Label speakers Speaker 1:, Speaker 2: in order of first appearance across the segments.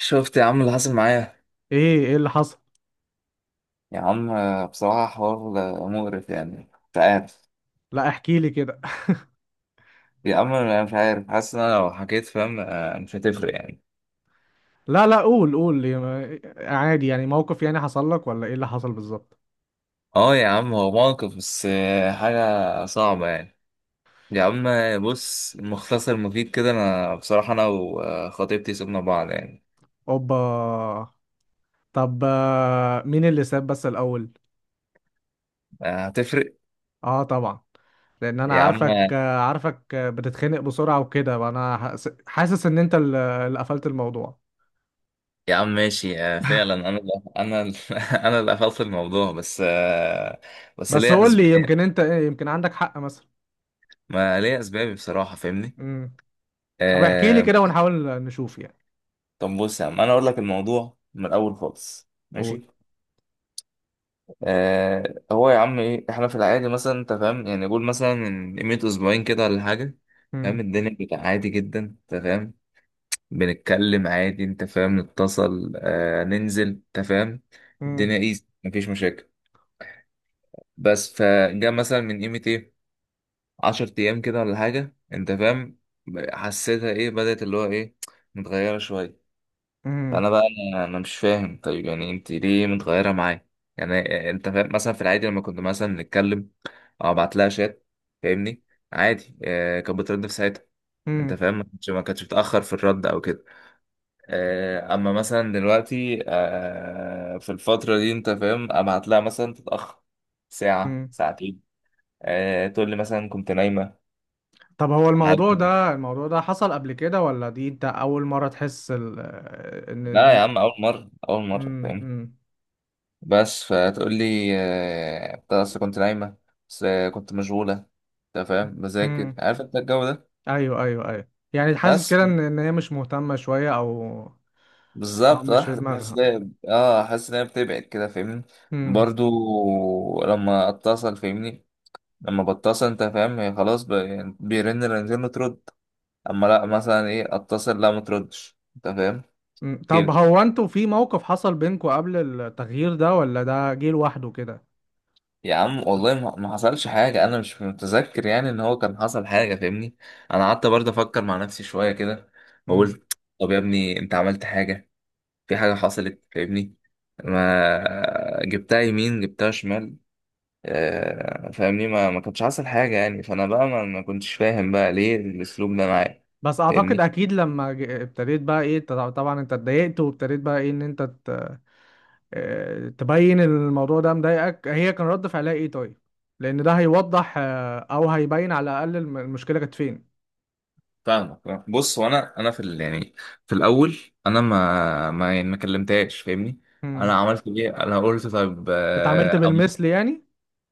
Speaker 1: شفت يا عم اللي حصل معايا.
Speaker 2: ايه اللي حصل؟
Speaker 1: يا عم بصراحة حوار مقرف يعني. مش عارف.
Speaker 2: لا، احكي لي كده.
Speaker 1: يا عم انا مش عارف، حاسس ان انا لو حكيت فاهم مش هتفرق يعني.
Speaker 2: لا، لا، قول لي، عادي يعني، موقف يعني حصل لك ولا ايه اللي حصل بالظبط؟
Speaker 1: اه يا عم هو موقف بس حاجة صعبة يعني. يا عم بص، مختصر مفيد كده، انا بصراحة انا وخطيبتي سيبنا بعض يعني.
Speaker 2: اوبا. طب، مين اللي ساب بس الاول؟
Speaker 1: هتفرق
Speaker 2: اه، طبعا. لان انا
Speaker 1: يا
Speaker 2: عارفك
Speaker 1: عم.
Speaker 2: آه، عارفك آه، بتتخنق بسرعة وكده، انا حاسس ان انت اللي قفلت الموضوع.
Speaker 1: يا عم ماشي، فعلا انا اللي قفلت الموضوع بس بس
Speaker 2: بس
Speaker 1: ليا
Speaker 2: قول لي،
Speaker 1: اسباب.
Speaker 2: يمكن انت ايه، يمكن عندك حق مثلا.
Speaker 1: ما ليا اسبابي بصراحة، فاهمني؟
Speaker 2: امم. طب، احكي لي
Speaker 1: آه،
Speaker 2: كده ونحاول نشوف يعني.
Speaker 1: طب بص يا عم انا اقول لك الموضوع من الاول خالص،
Speaker 2: قول.
Speaker 1: ماشي؟ آه، هو يا عم ايه، احنا في العادي مثلا انت فاهم يعني، قول مثلا من قيمه اسبوعين كده ولا حاجه، فاهم؟
Speaker 2: امم،
Speaker 1: الدنيا كانت عادي جدا، انت فاهم؟ بنتكلم عادي، انت فاهم، نتصل، آه ننزل، انت فاهم، الدنيا ايزي، مفيش مشاكل. بس فجاء مثلا من قيمه ايه، 10 ايام كده ولا حاجه، انت فاهم، حسيتها ايه بدأت، اللي هو ايه، متغيره شويه.
Speaker 2: امم،
Speaker 1: فانا بقى انا مش فاهم، طيب يعني انت ليه متغيره معايا؟ يعني انت فاهم، مثلا في العادي لما كنت مثلا نتكلم او ابعت لها شات، فاهمني، عادي آه كانت بترد في ساعتها، انت فاهم، ما كانتش بتاخر في الرد او كده. آه اما مثلا دلوقتي آه في الفتره دي، انت فاهم، ابعت لها مثلا تتاخر ساعه
Speaker 2: امم.
Speaker 1: ساعتين، آه تقول لي مثلا كنت نايمه
Speaker 2: طب، هو الموضوع
Speaker 1: عادي.
Speaker 2: ده الموضوع ده حصل قبل كده، ولا دي انت اول مرة تحس ال... آه، ان
Speaker 1: لا يا
Speaker 2: دي؟
Speaker 1: عم، اول مره
Speaker 2: امم،
Speaker 1: فاهم.
Speaker 2: امم.
Speaker 1: بس فتقول لي أنت أصل كنت نايمة، بس كنت مشغولة، أنت فاهم، بذاكر،
Speaker 2: امم.
Speaker 1: عارف أنت الجو ده.
Speaker 2: ايوه، ايوه، ايوه، يعني حاسس
Speaker 1: بس
Speaker 2: كده ان هي مش مهتمة شوية، او او
Speaker 1: بالظبط، أه
Speaker 2: مش في
Speaker 1: حاسس، حاسس
Speaker 2: دماغها.
Speaker 1: إن هي- أه حاسس إن هي بتبعد كده، فاهمني،
Speaker 2: امم.
Speaker 1: برضو لما أتصل، فاهمني، لما بتصل أنت فاهم هي خلاص بيرن رنتين وترد، أما لأ مثلا إيه، أتصل لأ متردش، أنت فاهم
Speaker 2: أمم. طب،
Speaker 1: كده.
Speaker 2: هو انتوا في موقف حصل بينكوا قبل التغيير ده، ولا ده جه لوحده كده؟
Speaker 1: يا عم والله ما حصلش حاجة، أنا مش متذكر يعني إن هو كان حصل حاجة، فاهمني، أنا قعدت برضه أفكر مع نفسي شوية كده
Speaker 2: امم.
Speaker 1: وقلت طب يا ابني أنت عملت حاجة، في حاجة حصلت، فاهمني، ما جبتها يمين جبتها شمال. فاهمني، ما كانش حصل حاجة يعني. فأنا بقى ما كنتش فاهم بقى ليه الأسلوب ده معايا،
Speaker 2: بس اعتقد
Speaker 1: فاهمني؟
Speaker 2: اكيد لما ابتديت بقى ايه، طبعا انت اتضايقت وابتديت بقى ايه ان انت تبين الموضوع ده مضايقك، هي كان رد فعلها ايه طيب؟ لان ده هيوضح، او هيبين على الاقل المشكله كانت فين.
Speaker 1: فاهمك. بص، وانا في ال يعني في الاول انا ما يعني ما كلمتهاش، فاهمني، انا
Speaker 2: امم.
Speaker 1: عملت ايه، انا قلت طيب،
Speaker 2: اتعاملت بالمثل يعني؟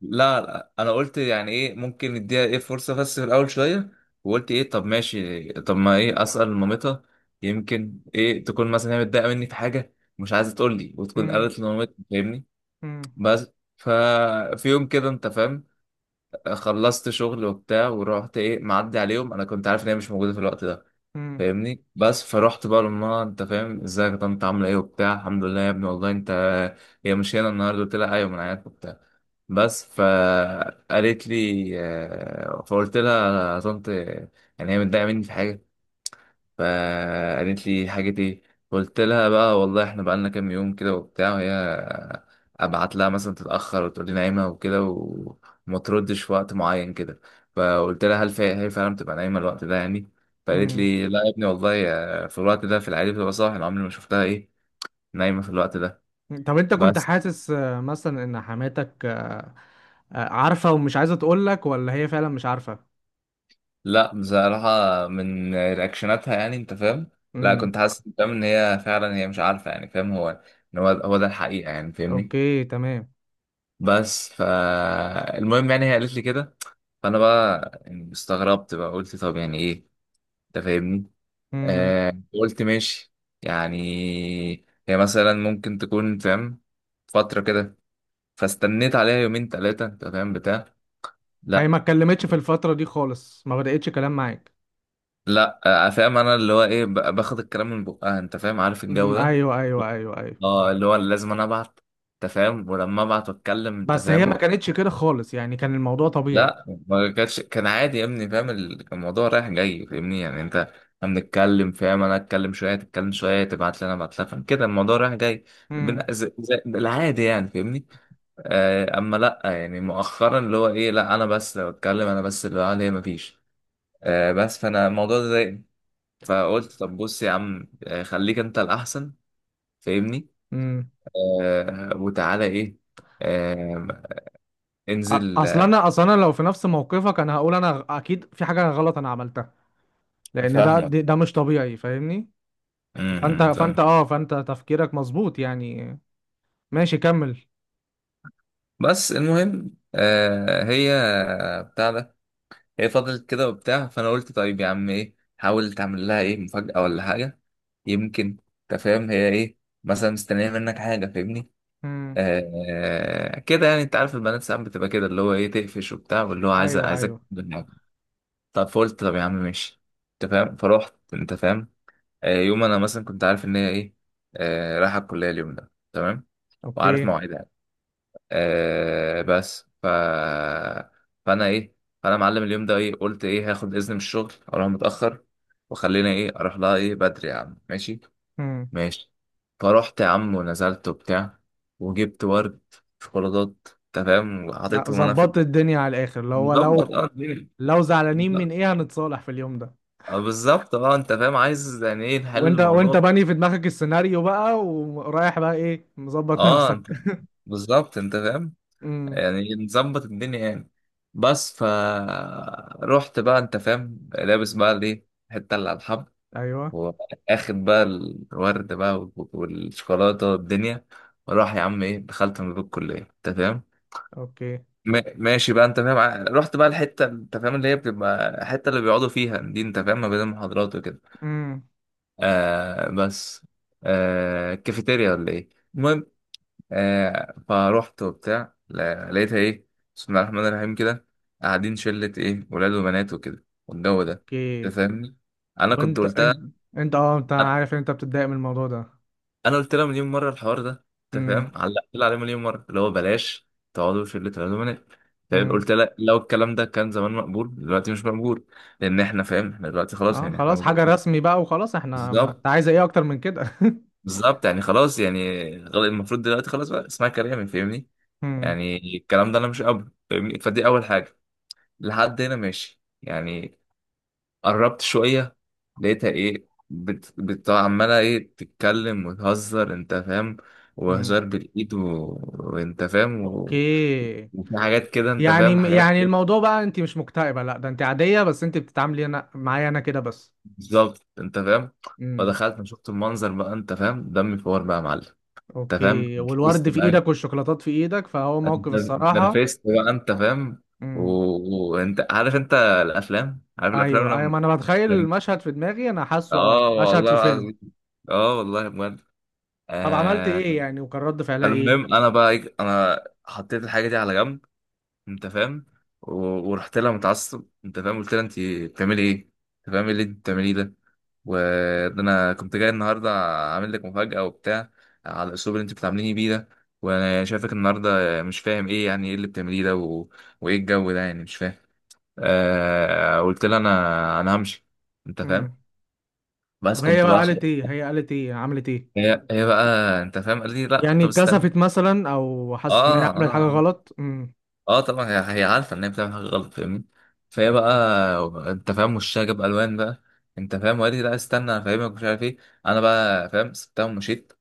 Speaker 1: لا انا قلت يعني ايه ممكن نديها ايه فرصه بس في الاول شويه. وقلت ايه طب ماشي، طب ما ايه، اسال مامتها، يمكن ايه تكون مثلا هي متضايقه مني في حاجه، مش عايزه تقول لي، وتكون
Speaker 2: امم،
Speaker 1: قالت لمامتها، فاهمني.
Speaker 2: امم،
Speaker 1: بس ففي يوم كده، انت فاهم، خلصت شغل وبتاع ورحت ايه معدي عليهم، انا كنت عارف ان هي مش موجوده في الوقت ده،
Speaker 2: امم،
Speaker 1: فاهمني. بس فرحت بقى لامها، انت فاهم، ازيك يا طنط، عامله ايه وبتاع، الحمد لله يا ابني والله انت، هي مش هنا النهارده، قلت لها ايوه من عيادتك وبتاع. بس فقالت لي فقلت لها يا طنط، يعني هي متضايقه مني في حاجه؟ فقالت لي حاجة ايه؟ قلت لها بقى والله احنا بقالنا كام يوم كده وبتاع، وهي ابعت لها مثلا تتأخر وتقول لي نايمة وكده وما تردش في وقت معين كده. فقلت لها هل هي فعلا بتبقى نايمة الوقت ده يعني؟ فقالت
Speaker 2: امم.
Speaker 1: لي لا يا ابني والله في الوقت ده في العادي بتبقى صاحي، انا عمري ما شفتها ايه نايمة في الوقت ده.
Speaker 2: طب، انت كنت
Speaker 1: بس
Speaker 2: حاسس مثلا ان حماتك عارفه ومش عايزه تقول لك، ولا هي فعلا مش عارفه؟
Speaker 1: لا بصراحة من رياكشناتها يعني، انت فاهم، لا
Speaker 2: امم.
Speaker 1: كنت حاسس فاهم ان هي فعلا هي مش عارفة يعني، فاهم هو ان هو ده الحقيقة يعني، فاهمني.
Speaker 2: اوكي، تمام.
Speaker 1: بس فالمهم يعني هي قالت لي كده، فانا بقى يعني استغربت بقى، قلت طب يعني ايه، انت فاهمني؟
Speaker 2: امم.
Speaker 1: آه قلت ماشي، يعني هي مثلا ممكن تكون فاهم فترة كده. فاستنيت عليها يومين تلاتة، انت فاهم بتاع.
Speaker 2: هي ما
Speaker 1: لا.
Speaker 2: اتكلمتش في الفتره دي خالص، ما بدأتش كلام معاك؟
Speaker 1: لا آه فاهم انا اللي هو ايه باخد الكلام من بقها، انت فاهم، عارف الجو
Speaker 2: امم.
Speaker 1: ده،
Speaker 2: ايوه، ايوه، ايوه، ايوه.
Speaker 1: اه اللي هو لازم انا ابعت، انت فاهم، ولما ابعت واتكلم، انت
Speaker 2: بس هي
Speaker 1: فاهم.
Speaker 2: ما كانتش كده خالص، يعني كان الموضوع طبيعي.
Speaker 1: لا ما كانتش، كان عادي يا ابني، فاهم كان الموضوع رايح جاي، فاهمني، يعني انت احنا بنتكلم، فاهم، انا اتكلم شويه تتكلم شويه، تبعت لي انا ابعت لها، فاهم كده، الموضوع رايح جاي،
Speaker 2: امم،
Speaker 1: العادي يعني، فاهمني. آه اما لا يعني مؤخرا اللي هو ايه، لا انا بس لو اتكلم، انا بس اللي قاعد، هي مفيش. آه بس فانا الموضوع ده ضايقني، فقلت طب بص يا عم خليك انت الاحسن، فاهمني.
Speaker 2: امم.
Speaker 1: آه وتعالى ايه، آه انزل
Speaker 2: اصل انا اصل انا لو في نفس موقفك، انا هقول انا اكيد في حاجه غلط انا عملتها. لان ده
Speaker 1: فاهمك.
Speaker 2: ده ده مش طبيعي، فاهمني.
Speaker 1: م-
Speaker 2: فانت
Speaker 1: م،
Speaker 2: فانت
Speaker 1: فاهم.
Speaker 2: اه فانت تفكيرك مظبوط يعني. ماشي، كمل.
Speaker 1: بس المهم آه هي بتاع ده، هي فضلت كده وبتاع، فانا قلت طيب يا عم ايه، حاول تعمل لها ايه مفاجأة ولا حاجة، يمكن انت فاهم هي ايه مثلا مستنية منك حاجة، فاهمني.
Speaker 2: امم.
Speaker 1: آه كده يعني، انت عارف البنات ساعات بتبقى كده اللي هو ايه تقفش وبتاع، واللي هو عايزة
Speaker 2: ايوه،
Speaker 1: عايزك
Speaker 2: ايوه.
Speaker 1: تعمل حاجة. طب فقلت طب يا عم ماشي، انت فاهم، فروحت، انت فاهم، آه يوم انا مثلا كنت عارف ان هي ايه آه رايحة الكلية اليوم ده، تمام، وعارف
Speaker 2: اوكي.
Speaker 1: مواعيدها، آه بس ف، فانا ايه، فانا معلم اليوم ده ايه، قلت ايه هاخد اذن من الشغل اروح متاخر، وخلينا ايه اروح لها ايه بدري، يا عم ماشي.
Speaker 2: امم.
Speaker 1: ماشي، فروحت يا عم ونزلت وبتاع، وجبت ورد، شوكولاتات، انت فاهم،
Speaker 2: لا،
Speaker 1: وحطيتهم انا في
Speaker 2: ظبطت الدنيا على الاخر، اللي هو
Speaker 1: المظبط،
Speaker 2: لو
Speaker 1: اه الدنيا
Speaker 2: لو زعلانين من
Speaker 1: مظبط.
Speaker 2: ايه، هنتصالح في اليوم ده.
Speaker 1: بالظبط، اه انت فاهم، عايز يعني ايه نحل
Speaker 2: وانت
Speaker 1: الموضوع.
Speaker 2: باني في دماغك السيناريو بقى، ورايح بقى ايه مظبط
Speaker 1: اه
Speaker 2: نفسك.
Speaker 1: انت بالظبط، انت فاهم،
Speaker 2: امم.
Speaker 1: يعني نظبط الدنيا يعني. بس ف رحت بقى، انت فاهم، لابس بقى الايه، حته اللي على الحب،
Speaker 2: ايوه.
Speaker 1: واخد بقى الورد بقى والشوكولاته والدنيا، وراح يا عم ايه دخلت من باب الكليه، انت فاهم.
Speaker 2: اوكي.
Speaker 1: ماشي بقى، انت فاهم، رحت بقى الحته، انت فاهم اللي هي بتبقى الحته اللي بيقعدوا فيها دي، انت فاهم، ما بين المحاضرات وكده.
Speaker 2: امم.
Speaker 1: آه بس آه كافيتيريا ولا ايه. آه فروحت وبتاع، لقيتها ايه، بسم الله الرحمن الرحيم كده، قاعدين شلة ايه ولاد وبنات وكده والجو ده، انت
Speaker 2: اوكي.
Speaker 1: فاهمني. انا كنت
Speaker 2: وانت
Speaker 1: قلتها،
Speaker 2: انت انت اه انت عارف ان انت بتتضايق من الموضوع ده.
Speaker 1: انا قلت لها مليون مرة الحوار ده، انت
Speaker 2: امم،
Speaker 1: فاهم، علقت لها عليه مليون مرة، اللي هو بلاش تقعدوا في شلة ولاد وبنات، فاهم، قلت
Speaker 2: امم.
Speaker 1: لها لو الكلام ده كان زمان مقبول دلوقتي مش مقبول، لان احنا فاهم احنا دلوقتي خلاص
Speaker 2: اه،
Speaker 1: يعني احنا
Speaker 2: خلاص حاجة
Speaker 1: متجوزين.
Speaker 2: رسمي بقى وخلاص احنا، ما
Speaker 1: بالظبط
Speaker 2: انت عايز ايه اكتر من كده؟
Speaker 1: بالظبط، يعني خلاص يعني المفروض دلوقتي خلاص بقى اسمها كلامي، فاهمني،
Speaker 2: امم.
Speaker 1: يعني الكلام ده انا مش قابله، فاهمني، فدي اول حاجة، لحد هنا ماشي يعني. قربت شوية، لقيتها ايه عمالة ايه تتكلم وتهزر، انت فاهم،
Speaker 2: امم.
Speaker 1: وهزار بالايد و... وانت فاهم و...
Speaker 2: اوكي.
Speaker 1: وفي حاجات كده، انت فاهم،
Speaker 2: يعني
Speaker 1: حاجات
Speaker 2: يعني
Speaker 1: ايه،
Speaker 2: الموضوع بقى، انت مش مكتئبة، لا ده انت عادية، بس انت بتتعاملي انا معايا انا كده بس.
Speaker 1: بالظبط انت فاهم.
Speaker 2: امم.
Speaker 1: فدخلت انا شفت المنظر بقى، انت فاهم، دمي فور بقى يا معلم، انت فاهم،
Speaker 2: اوكي، والورد
Speaker 1: نرفزت
Speaker 2: في
Speaker 1: بقى،
Speaker 2: ايدك والشوكولاتات في ايدك، فهو
Speaker 1: انت
Speaker 2: موقف الصراحة.
Speaker 1: نرفزت بقى، انت فاهم و...
Speaker 2: امم.
Speaker 1: وانت عارف انت الافلام، عارف الافلام
Speaker 2: ايوه، ايوه،
Speaker 1: لما
Speaker 2: ما انا بتخيل
Speaker 1: لما-
Speaker 2: المشهد في دماغي، انا حاسه
Speaker 1: اه
Speaker 2: مشهد
Speaker 1: والله
Speaker 2: في فيلم.
Speaker 1: العظيم، اه والله بجد.
Speaker 2: طب، عملت
Speaker 1: آه
Speaker 2: ايه يعني، وكان رد فعلها ايه؟
Speaker 1: فالمهم انا بقى إيه، انا حطيت الحاجه دي على جنب، انت فاهم، و- ورحت لها متعصب، انت فاهم، قلت لها انت بتعملي ايه، انت فاهم، إيه اللي انت بتعمليه ده، وده انا كنت جاي النهارده اعمل لك مفاجاه وبتاع، على الاسلوب اللي انت بتعامليني بيه ده، وانا شايفك النهارده مش فاهم ايه، يعني ايه اللي بتعمليه ده و... وايه الجو ده، يعني مش فاهم. آه قلت لها انا همشي، انت
Speaker 2: امم.
Speaker 1: فاهم، بس
Speaker 2: طب، هي
Speaker 1: كنت
Speaker 2: بقى
Speaker 1: بقى خلاص.
Speaker 2: قالت ايه؟ هي قالت ايه، عملت ايه؟
Speaker 1: هي بقى، انت فاهم، قال لي لا
Speaker 2: يعني
Speaker 1: طب استنى.
Speaker 2: كسفت مثلا، او
Speaker 1: اه
Speaker 2: حست ان هي
Speaker 1: اه
Speaker 2: عملت حاجه
Speaker 1: آه.
Speaker 2: غلط؟ امم.
Speaker 1: اه طبعا هي عارفه ان هي بتعمل حاجه غلط، فاهمني. فهي بقى،
Speaker 2: أوكي.
Speaker 1: انت فاهم، وشها جاب الوان بقى، انت فاهم، وقالت لي لا استنى انا فاهمك مش عارف ايه. انا بقى فاهم، سبتها ومشيت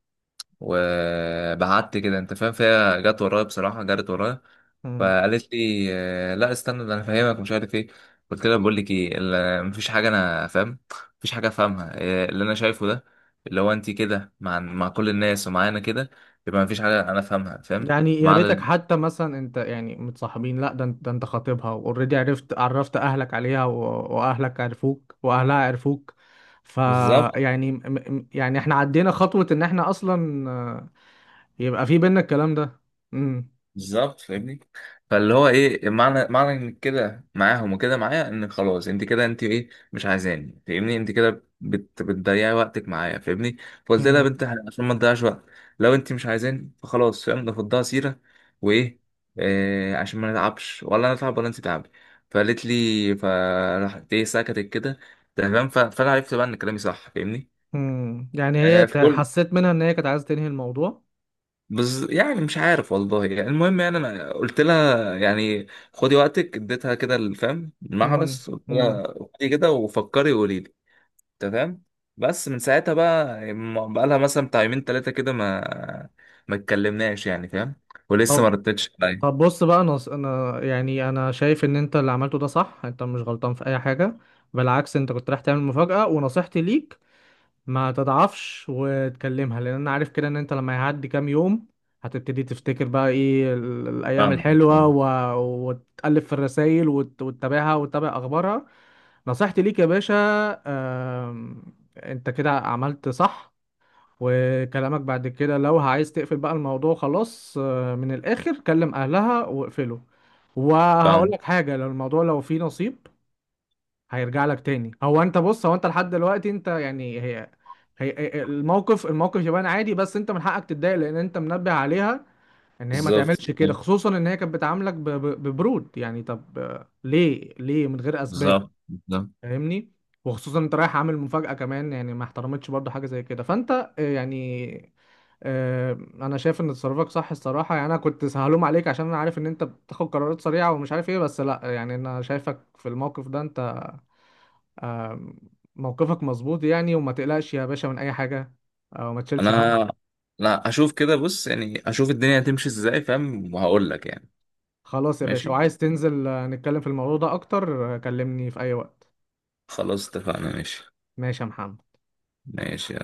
Speaker 1: وبعدت كده، انت فاهم، فهي جت ورايا، بصراحه جرت ورايا،
Speaker 2: أمم.
Speaker 1: فقالت لي لا استنى، ده انا فاهمك مش عارف ايه. قلت لها بقول لك ايه مفيش حاجه انا فاهم، مفيش حاجه افهمها، اللي انا شايفه ده، اللي هو انت كده مع كل الناس ومعانا كده، يبقى مفيش حاجه انا افهمها، فاهم.
Speaker 2: يعني يا
Speaker 1: مع
Speaker 2: ريتك
Speaker 1: ال...
Speaker 2: حتى مثلا انت يعني متصاحبين، لا ده انت خاطبها واوريدي، عرفت اهلك عليها واهلك عرفوك واهلها عرفوك. ف
Speaker 1: بالظبط
Speaker 2: يعني يعني احنا عدينا خطوه ان احنا اصلا، يبقى في بينا الكلام ده. امم.
Speaker 1: بالظبط، فاهمني، فاللي هو ايه معنى انك كده معاهم وكده معايا، ان خلاص انت كده، انت ايه مش عايزاني، فاهمني، انت كده بتضيعي وقتك معايا، فاهمني. فقلت لها يا
Speaker 2: أمم.
Speaker 1: بنت عشان ما تضيعش وقت، لو انت مش عايزاني فخلاص، فاهم، نفضها سيره، وايه آه، عشان ما نتعبش، ولا انا اتعب ولا انت تعبي. فقالت لي، فراحت ايه سكتت كده، تمام. فانا عرفت بقى ان كلامي صح، فاهمني.
Speaker 2: أمم. يعني هي
Speaker 1: آه فقلت
Speaker 2: حسيت منها ان هي كانت عايزه تنهي الموضوع.
Speaker 1: يعني مش عارف والله، يعني المهم يعني انا قلت لها يعني خدي وقتك، اديتها كده الفهم
Speaker 2: امم.
Speaker 1: المحبس، قلت
Speaker 2: أمم.
Speaker 1: لها خدي كده وفكري وقولي لي، تمام. بس من ساعتها بقى، بقى لها مثلا بتاع يومين ثلاثه كده ما ما اتكلمناش يعني، فاهم، ولسه ما ردتش عليا.
Speaker 2: طب، بص بقى، انا يعني انا شايف ان انت اللي عملته ده صح، انت مش غلطان في اي حاجه. بالعكس، انت كنت رايح تعمل مفاجاه. ونصيحتي ليك، ما تضعفش وتكلمها، لان انا عارف كده ان انت لما يعدي كام يوم هتبتدي تفتكر بقى ايه الايام
Speaker 1: فاهم
Speaker 2: الحلوه،
Speaker 1: فاهم
Speaker 2: وتقلب في الرسائل وتتابعها وتتابع اخبارها. نصيحتي ليك يا باشا. آم... انت كده عملت صح. وكلامك بعد كده لو عايز تقفل بقى الموضوع خلاص، من الآخر كلم أهلها واقفله. وهقول
Speaker 1: فاهم.
Speaker 2: لك حاجة، لو فيه نصيب هيرجع لك تاني. هو انت، بص، هو انت لحد دلوقتي انت يعني هي، الموقف يبان عادي، بس انت من حقك تتضايق لان انت منبه عليها ان هي ما
Speaker 1: بالظبط
Speaker 2: تعملش كده، خصوصا ان هي كانت بتعاملك ببرود يعني، طب ليه من غير اسباب؟
Speaker 1: بالظبط بالظبط،
Speaker 2: فاهمني. وخصوصا انت رايح عامل مفاجأة كمان، يعني ما احترمتش برضه حاجة زي كده، فانت يعني انا شايف ان تصرفك صح الصراحه يعني، انا كنت سهلوم عليك عشان انا عارف ان انت بتاخد قرارات سريعه ومش عارف ايه، بس لا يعني انا شايفك في الموقف ده انت، آم، موقفك مظبوط يعني، وما تقلقش يا باشا من اي حاجه، او ما تشيلش هم.
Speaker 1: انا لا اشوف كده، بص يعني، اشوف الدنيا هتمشي ازاي فاهم، وهقول لك يعني،
Speaker 2: خلاص يا باشا،
Speaker 1: ماشي،
Speaker 2: وعايز تنزل نتكلم في الموضوع ده اكتر، كلمني في اي وقت.
Speaker 1: خلاص اتفقنا، ماشي،
Speaker 2: ماشي يا محمد.
Speaker 1: ماشي.